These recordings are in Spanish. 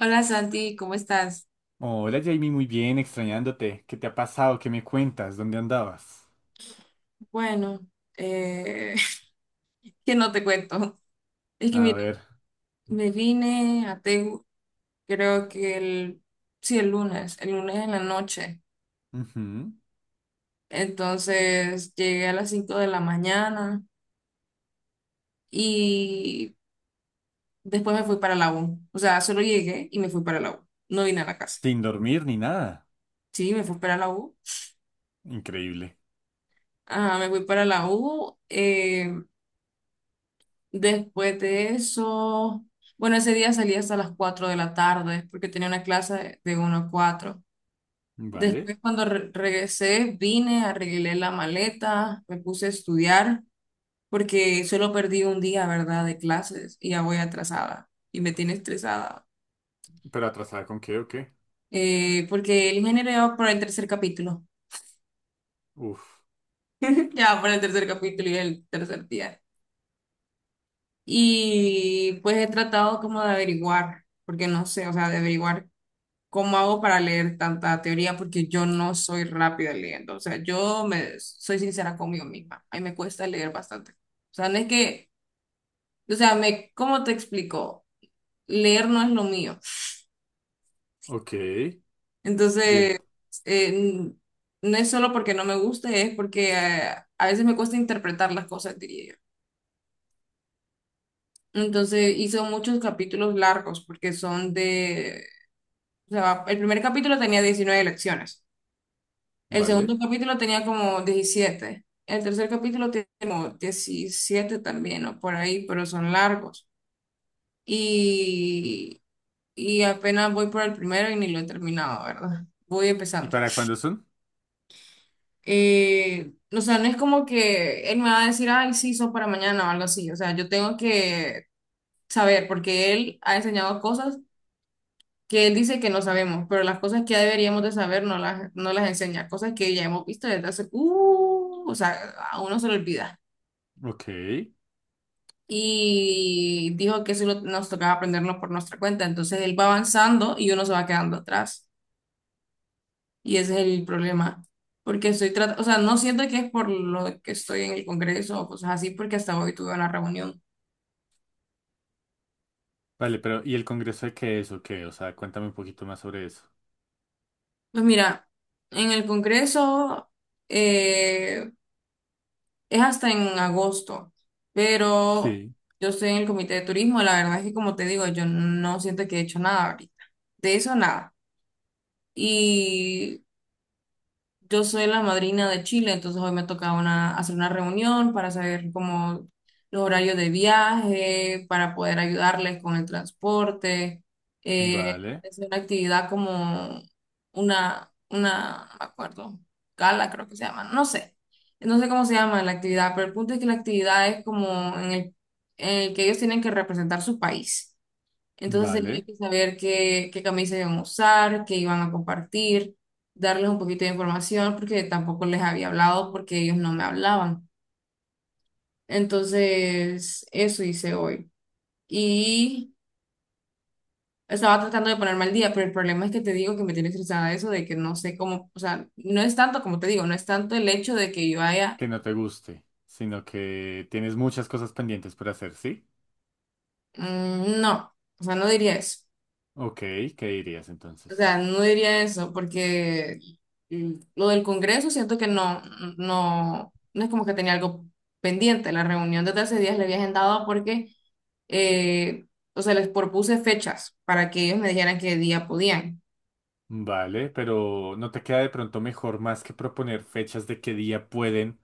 Hola Santi, ¿cómo estás? Hola Jamie, muy bien, extrañándote. ¿Qué te ha pasado? ¿Qué me cuentas? ¿Dónde andabas? Bueno, eh, que no te cuento. Es que A mira, ver. me vine a Tegu, creo que sí, el lunes en la noche. Ujú. Entonces llegué a las 5 de la mañana y después me fui para la U. O sea, solo llegué y me fui para la U. No vine a la casa. Sin dormir ni nada. Sí, me fui para la U. Increíble. Ajá, me fui para la U. Después de eso, bueno, ese día salí hasta las 4 de la tarde porque tenía una clase de uno a cuatro. Vale. Después, cuando regresé, vine, arreglé la maleta, me puse a estudiar porque solo perdí un día, ¿verdad?, de clases y ya voy atrasada y me tiene estresada. ¿Pero atrasada con qué o qué? Porque el ingeniero ya va por el tercer capítulo. Uf. Ya va por el tercer capítulo y el tercer día. Y pues he tratado como de averiguar, porque no sé, o sea, de averiguar, ¿cómo hago para leer tanta teoría? Porque yo no soy rápida leyendo. O sea, yo me soy sincera conmigo misma. A mí me cuesta leer bastante. O sea, no es que, o sea, me, ¿cómo te explico? Leer no es lo mío. Ok. El- Entonces, eh, n- no es solo porque no me guste, es porque a veces me cuesta interpretar las cosas, diría yo. Entonces, hizo muchos capítulos largos porque son de, o sea, el primer capítulo tenía 19 lecciones. El Vale. segundo capítulo tenía como 17. El tercer capítulo tiene como 17 también, o por ahí, pero son largos. Y, y apenas voy por el primero y ni lo he terminado, ¿verdad? Voy ¿Y empezando. para cuándo son? O sea, no es como que él me va a decir, ay, sí, son para mañana o algo así. O sea, yo tengo que saber, porque él ha enseñado cosas que él dice que no sabemos, pero las cosas que ya deberíamos de saber no las enseña, cosas que ya hemos visto desde hace, o sea, a uno se le olvida. Ok. Y dijo que nos tocaba aprenderlo por nuestra cuenta. Entonces él va avanzando y uno se va quedando atrás. Y ese es el problema. Porque estoy tratando, o sea, no siento que es por lo que estoy en el Congreso o cosas así, porque hasta hoy tuve una reunión. Vale, pero ¿y el congreso de qué es o qué? O sea, cuéntame un poquito más sobre eso. Pues mira, en el Congreso eh, es hasta en agosto, pero Sí. yo estoy en el Comité de Turismo. La verdad es que, como te digo, yo no siento que he hecho nada ahorita. De eso nada. Y yo soy la madrina de Chile, entonces hoy me toca hacer una reunión para saber cómo los horarios de viaje, para poder ayudarles con el transporte. Vale. Es una actividad como no me acuerdo, gala creo que se llama, no sé cómo se llama la actividad, pero el punto es que la actividad es como en el que ellos tienen que representar su país. Entonces tenía Vale. que saber qué camisa iban a usar, qué iban a compartir, darles un poquito de información porque tampoco les había hablado porque ellos no me hablaban. Entonces, eso hice hoy. Y estaba tratando de ponerme al día, pero el problema es que te digo que me tiene estresada eso de que no sé cómo, o sea, no es tanto como te digo, no es tanto el hecho de que yo haya, Que no te guste, sino que tienes muchas cosas pendientes por hacer, ¿sí? No, o sea, no diría eso. Ok. ¿Qué dirías O entonces? sea, no diría eso, porque lo del Congreso siento que no, no es como que tenía algo pendiente. La reunión desde hace días le había agendado porque, eh, o sea, les propuse fechas para que ellos me dijeran qué día podían. Vale, pero ¿no te queda de pronto mejor más que proponer fechas de qué día pueden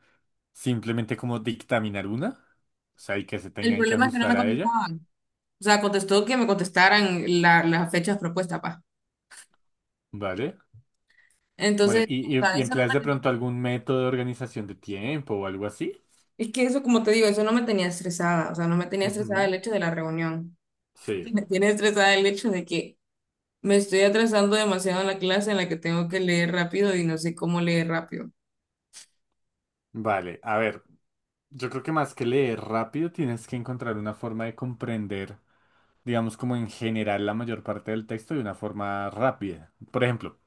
simplemente como dictaminar una? O sea, y que se El tengan que problema es que no me ajustar a ella. contestaban. O sea, contestó que me contestaran las fechas propuestas, pa. Vale. Bueno, Entonces, ¿y, o y, sea, y eso no empleas me de tenía. pronto algún método de organización de tiempo o algo así? Es que eso, como te digo, eso no me tenía estresada. O sea, no me tenía estresada el Ujú, hecho de la reunión. sí. Me tiene estresada el hecho de que me estoy atrasando demasiado en la clase en la que tengo que leer rápido y no sé cómo leer rápido. Vale, a ver, yo creo que más que leer rápido tienes que encontrar una forma de comprender, digamos, como en general la mayor parte del texto de una forma rápida. Por ejemplo,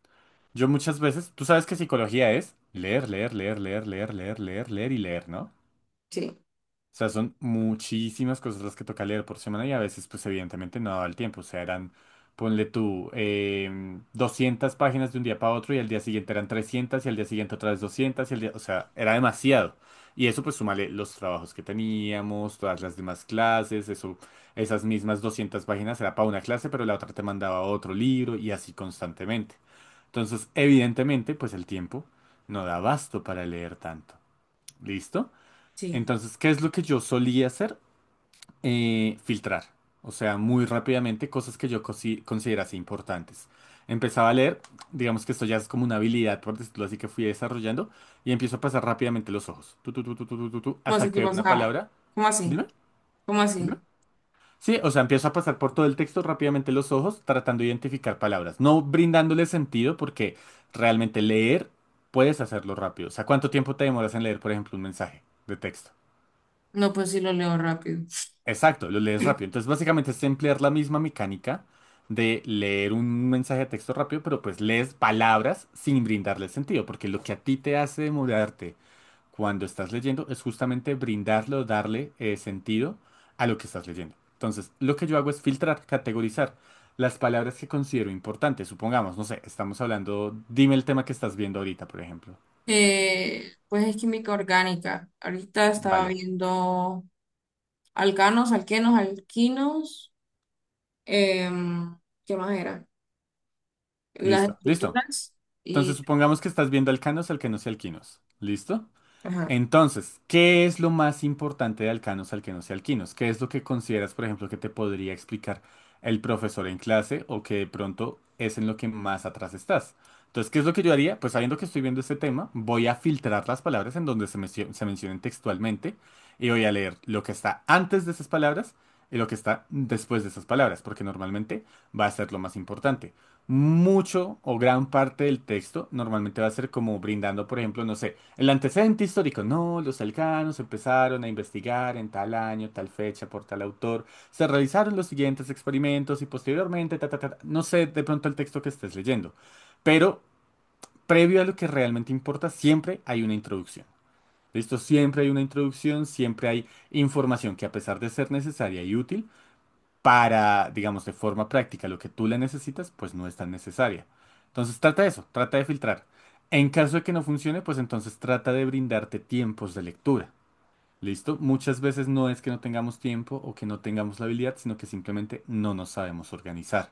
yo muchas veces, tú sabes que psicología es leer, leer, leer, leer, leer, leer, leer, leer y leer, ¿no? Sí, O sea, son muchísimas cosas las que toca leer por semana y a veces, pues evidentemente no daba el tiempo. O sea, eran, ponle tú, 200 páginas de un día para otro y al día siguiente eran 300 y al día siguiente otra vez 200 y al día, o sea, era demasiado. Y eso pues súmale los trabajos que teníamos, todas las demás clases, eso, esas mismas 200 páginas era para una clase, pero la otra te mandaba otro libro y así constantemente. Entonces, evidentemente, pues el tiempo no da abasto para leer tanto. ¿Listo? sí. Entonces, ¿qué es lo que yo solía hacer? Filtrar, o sea, muy rápidamente cosas que yo considerase importantes. Empezaba a leer, digamos que esto ya es como una habilidad, por decirlo así, que fui desarrollando, y empiezo a pasar rápidamente los ojos, tu, ¿Cómo hasta así? que ¿Qué veo pasa? una Ah, palabra. ¿cómo así? Dime, ¿Cómo dime. así? Sí, o sea, empiezo a pasar por todo el texto rápidamente los ojos, tratando de identificar palabras, no brindándole sentido, porque realmente leer puedes hacerlo rápido. O sea, ¿cuánto tiempo te demoras en leer, por ejemplo, un mensaje de texto? No, pues sí lo leo rápido. Exacto, lo lees rápido. Entonces, básicamente es emplear la misma mecánica de leer un mensaje de texto rápido, pero pues lees palabras sin brindarle sentido, porque lo que a ti te hace demorarte cuando estás leyendo es justamente brindarle o darle sentido a lo que estás leyendo. Entonces, lo que yo hago es filtrar, categorizar las palabras que considero importantes. Supongamos, no sé, estamos hablando, dime el tema que estás viendo ahorita, por ejemplo. Pues es química orgánica. Ahorita estaba Vale, viendo alcanos, alquenos, alquinos. em, ¿Qué más era? Las listo, listo. estructuras Entonces, y... supongamos que estás viendo alcanos, alquenos y alquinos. ¿Listo? Ajá. Entonces, ¿qué es lo más importante de alcanos, alquenos y alquinos? ¿Qué es lo que consideras, por ejemplo, que te podría explicar el profesor en clase o que de pronto es en lo que más atrás estás? Entonces, ¿qué es lo que yo haría? Pues sabiendo que estoy viendo este tema, voy a filtrar las palabras en donde se mencionen textualmente y voy a leer lo que está antes de esas palabras y lo que está después de esas palabras, porque normalmente va a ser lo más importante. Mucho o gran parte del texto normalmente va a ser como brindando, por ejemplo, no sé. El antecedente histórico, no, los alcanos empezaron a investigar en tal año, tal fecha, por tal autor, se realizaron los siguientes experimentos y posteriormente, ta, ta, ta, ta. No sé de pronto el texto que estés leyendo, pero previo a lo que realmente importa, siempre hay una introducción. Listo, siempre hay una introducción, siempre hay información que a pesar de ser necesaria y útil, para, digamos, de forma práctica, lo que tú le necesitas, pues no es tan necesaria. Entonces trata eso, trata de filtrar. En caso de que no funcione, pues entonces trata de brindarte tiempos de lectura. ¿Listo? Muchas veces no es que no tengamos tiempo o que no tengamos la habilidad, sino que simplemente no nos sabemos organizar.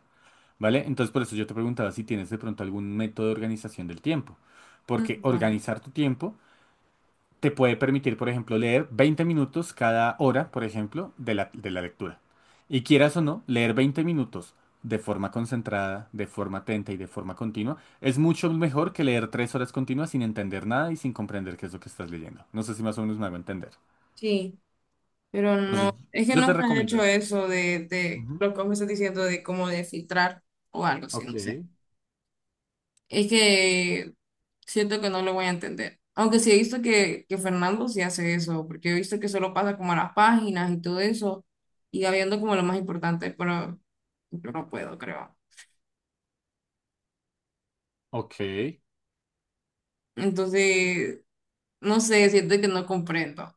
¿Vale? Entonces por eso yo te preguntaba si tienes de pronto algún método de organización del tiempo. Porque Ujú. organizar tu tiempo te puede permitir, por ejemplo, leer 20 minutos cada hora, por ejemplo, de la lectura. Y quieras o no, leer 20 minutos de forma concentrada, de forma atenta y de forma continua, es mucho mejor que leer 3 horas continuas sin entender nada y sin comprender qué es lo que estás leyendo. No sé si más o menos me hago entender. Sí. Pero Entonces, no, es que yo te nunca he recomiendo hecho eso. eso de Ujú. lo que me estás diciendo de cómo de filtrar o algo así, Ok, no sé. Es que siento que no lo voy a entender. Aunque sí he visto que Fernando sí hace eso, porque he visto que solo pasa como a las páginas y todo eso, y va viendo como lo más importante, pero yo no puedo, creo. ok. Entonces, no sé, siento que no comprendo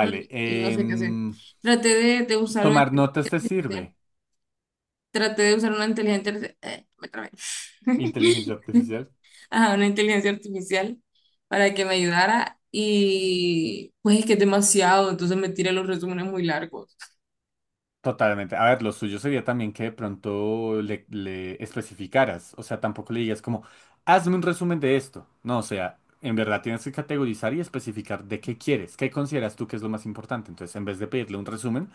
mm, y no sé qué hacer. em, Traté de, de usar una ¿tomar notas te sirve? inteligencia, traté de usar una inteligencia, me trabé. Inteligencia artificial. A una inteligencia artificial para que me ayudara y pues es que es demasiado, entonces me tira los resúmenes muy largos. Totalmente. A ver, lo suyo sería también que de pronto le especificaras, o sea, tampoco le digas como, hazme un resumen de esto. No, o sea, en verdad tienes que categorizar y especificar de qué quieres, qué consideras tú que es lo más importante. Entonces, en vez de pedirle un resumen,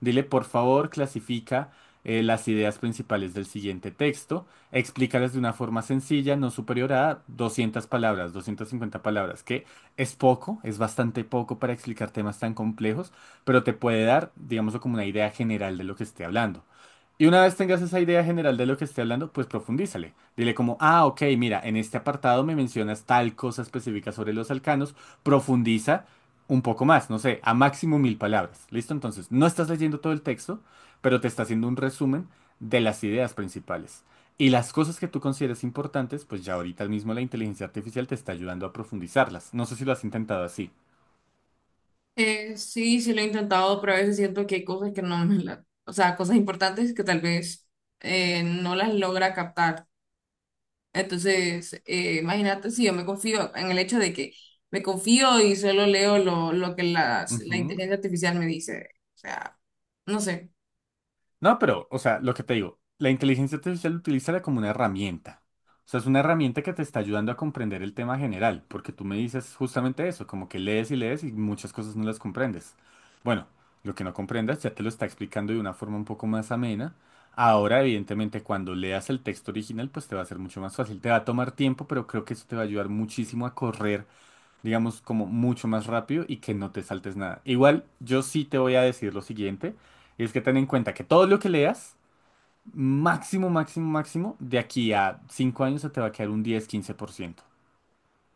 dile, por favor, clasifica las ideas principales del siguiente texto, explícalas de una forma sencilla, no superior a 200 palabras, 250 palabras, que es poco, es bastante poco para explicar temas tan complejos, pero te puede dar, digamos, como una idea general de lo que esté hablando. Y una vez tengas esa idea general de lo que esté hablando, pues profundízale. Dile como, ah, ok, mira, en este apartado me mencionas tal cosa específica sobre los alcanos, profundiza un poco más, no sé, a máximo 1.000 palabras. ¿Listo? Entonces, no estás leyendo todo el texto, pero te está haciendo un resumen de las ideas principales. Y las cosas que tú consideres importantes, pues ya ahorita mismo la inteligencia artificial te está ayudando a profundizarlas. No sé si lo has intentado así. Sí, sí lo he intentado, pero a veces siento que hay cosas que no me la, o sea, cosas importantes que tal vez no las logra captar. Entonces, imagínate si yo me confío en el hecho de que me confío y solo leo lo que la Ujú. inteligencia artificial me dice. O sea, no sé. No, pero, o sea, lo que te digo, la inteligencia artificial utilízala como una herramienta. O sea, es una herramienta que te está ayudando a comprender el tema general, porque tú me dices justamente eso, como que lees y lees y muchas cosas no las comprendes. Bueno, lo que no comprendas ya te lo está explicando de una forma un poco más amena. Ahora, evidentemente, cuando leas el texto original, pues te va a ser mucho más fácil. Te va a tomar tiempo, pero creo que eso te va a ayudar muchísimo a correr, digamos, como mucho más rápido y que no te saltes nada. Igual, yo sí te voy a decir lo siguiente, y es que ten en cuenta que todo lo que leas, máximo, máximo, máximo, de aquí a 5 años se te va a quedar un 10-15%,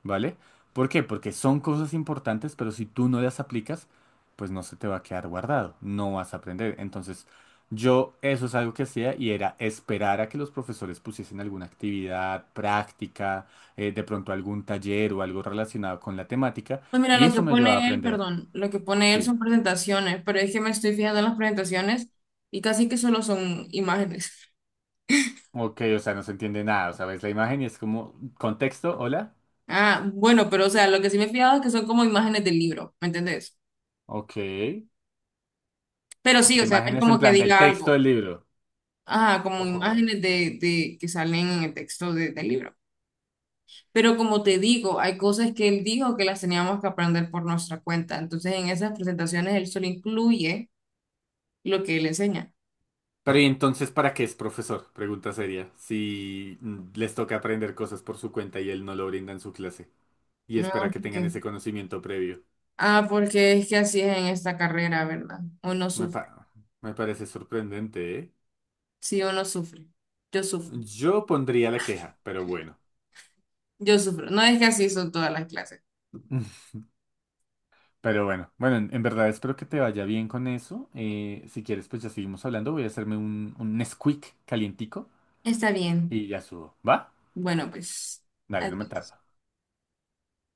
¿vale? ¿Por qué? Porque son cosas importantes, pero si tú no las aplicas, pues no se te va a quedar guardado, no vas a aprender. Entonces, yo eso es algo que hacía y era esperar a que los profesores pusiesen alguna actividad práctica, de pronto algún taller o algo relacionado con la temática, Pues mira, y lo que eso me ayudaba a pone él, aprender, perdón, lo que pone él sí. son presentaciones, pero es que me estoy fijando en las presentaciones y casi que solo son imágenes. Ok, o sea, no se entiende nada, o sea, ves la imagen y es como, ¿contexto? ¿Hola? Ah, bueno, pero o sea, lo que sí me he fijado es que son como imágenes del libro, ¿me entendés? Ok. Imágenes Pero sí, o sea, no es en como que plan del diga texto algo. del libro. Ah, como ¿O cómo? imágenes de que salen en el texto del libro. Pero como te digo, hay cosas que él dijo que las teníamos que aprender por nuestra cuenta. Entonces, en esas presentaciones él solo incluye lo que él enseña. Pero ¿y entonces para qué es profesor? Pregunta seria. Si les toca aprender cosas por su cuenta y él no lo brinda en su clase y No, espera que ¿por tengan qué? ese conocimiento previo. Ah, porque es que así es en esta carrera, ¿verdad? Uno Me sufre. pa- me parece sorprendente, ¿eh? Sí, uno sufre. Yo sufro. Yo pondría la queja, pero bueno. Yo sufro. No es que así son todas las clases. Pero bueno, bueno, en verdad espero que te vaya bien con eso. Si quieres, pues ya seguimos hablando. Voy a hacerme un, Nesquik calientico Está bien. y ya subo. ¿Va? Bueno, pues. Dale, no me tardo. Adiós.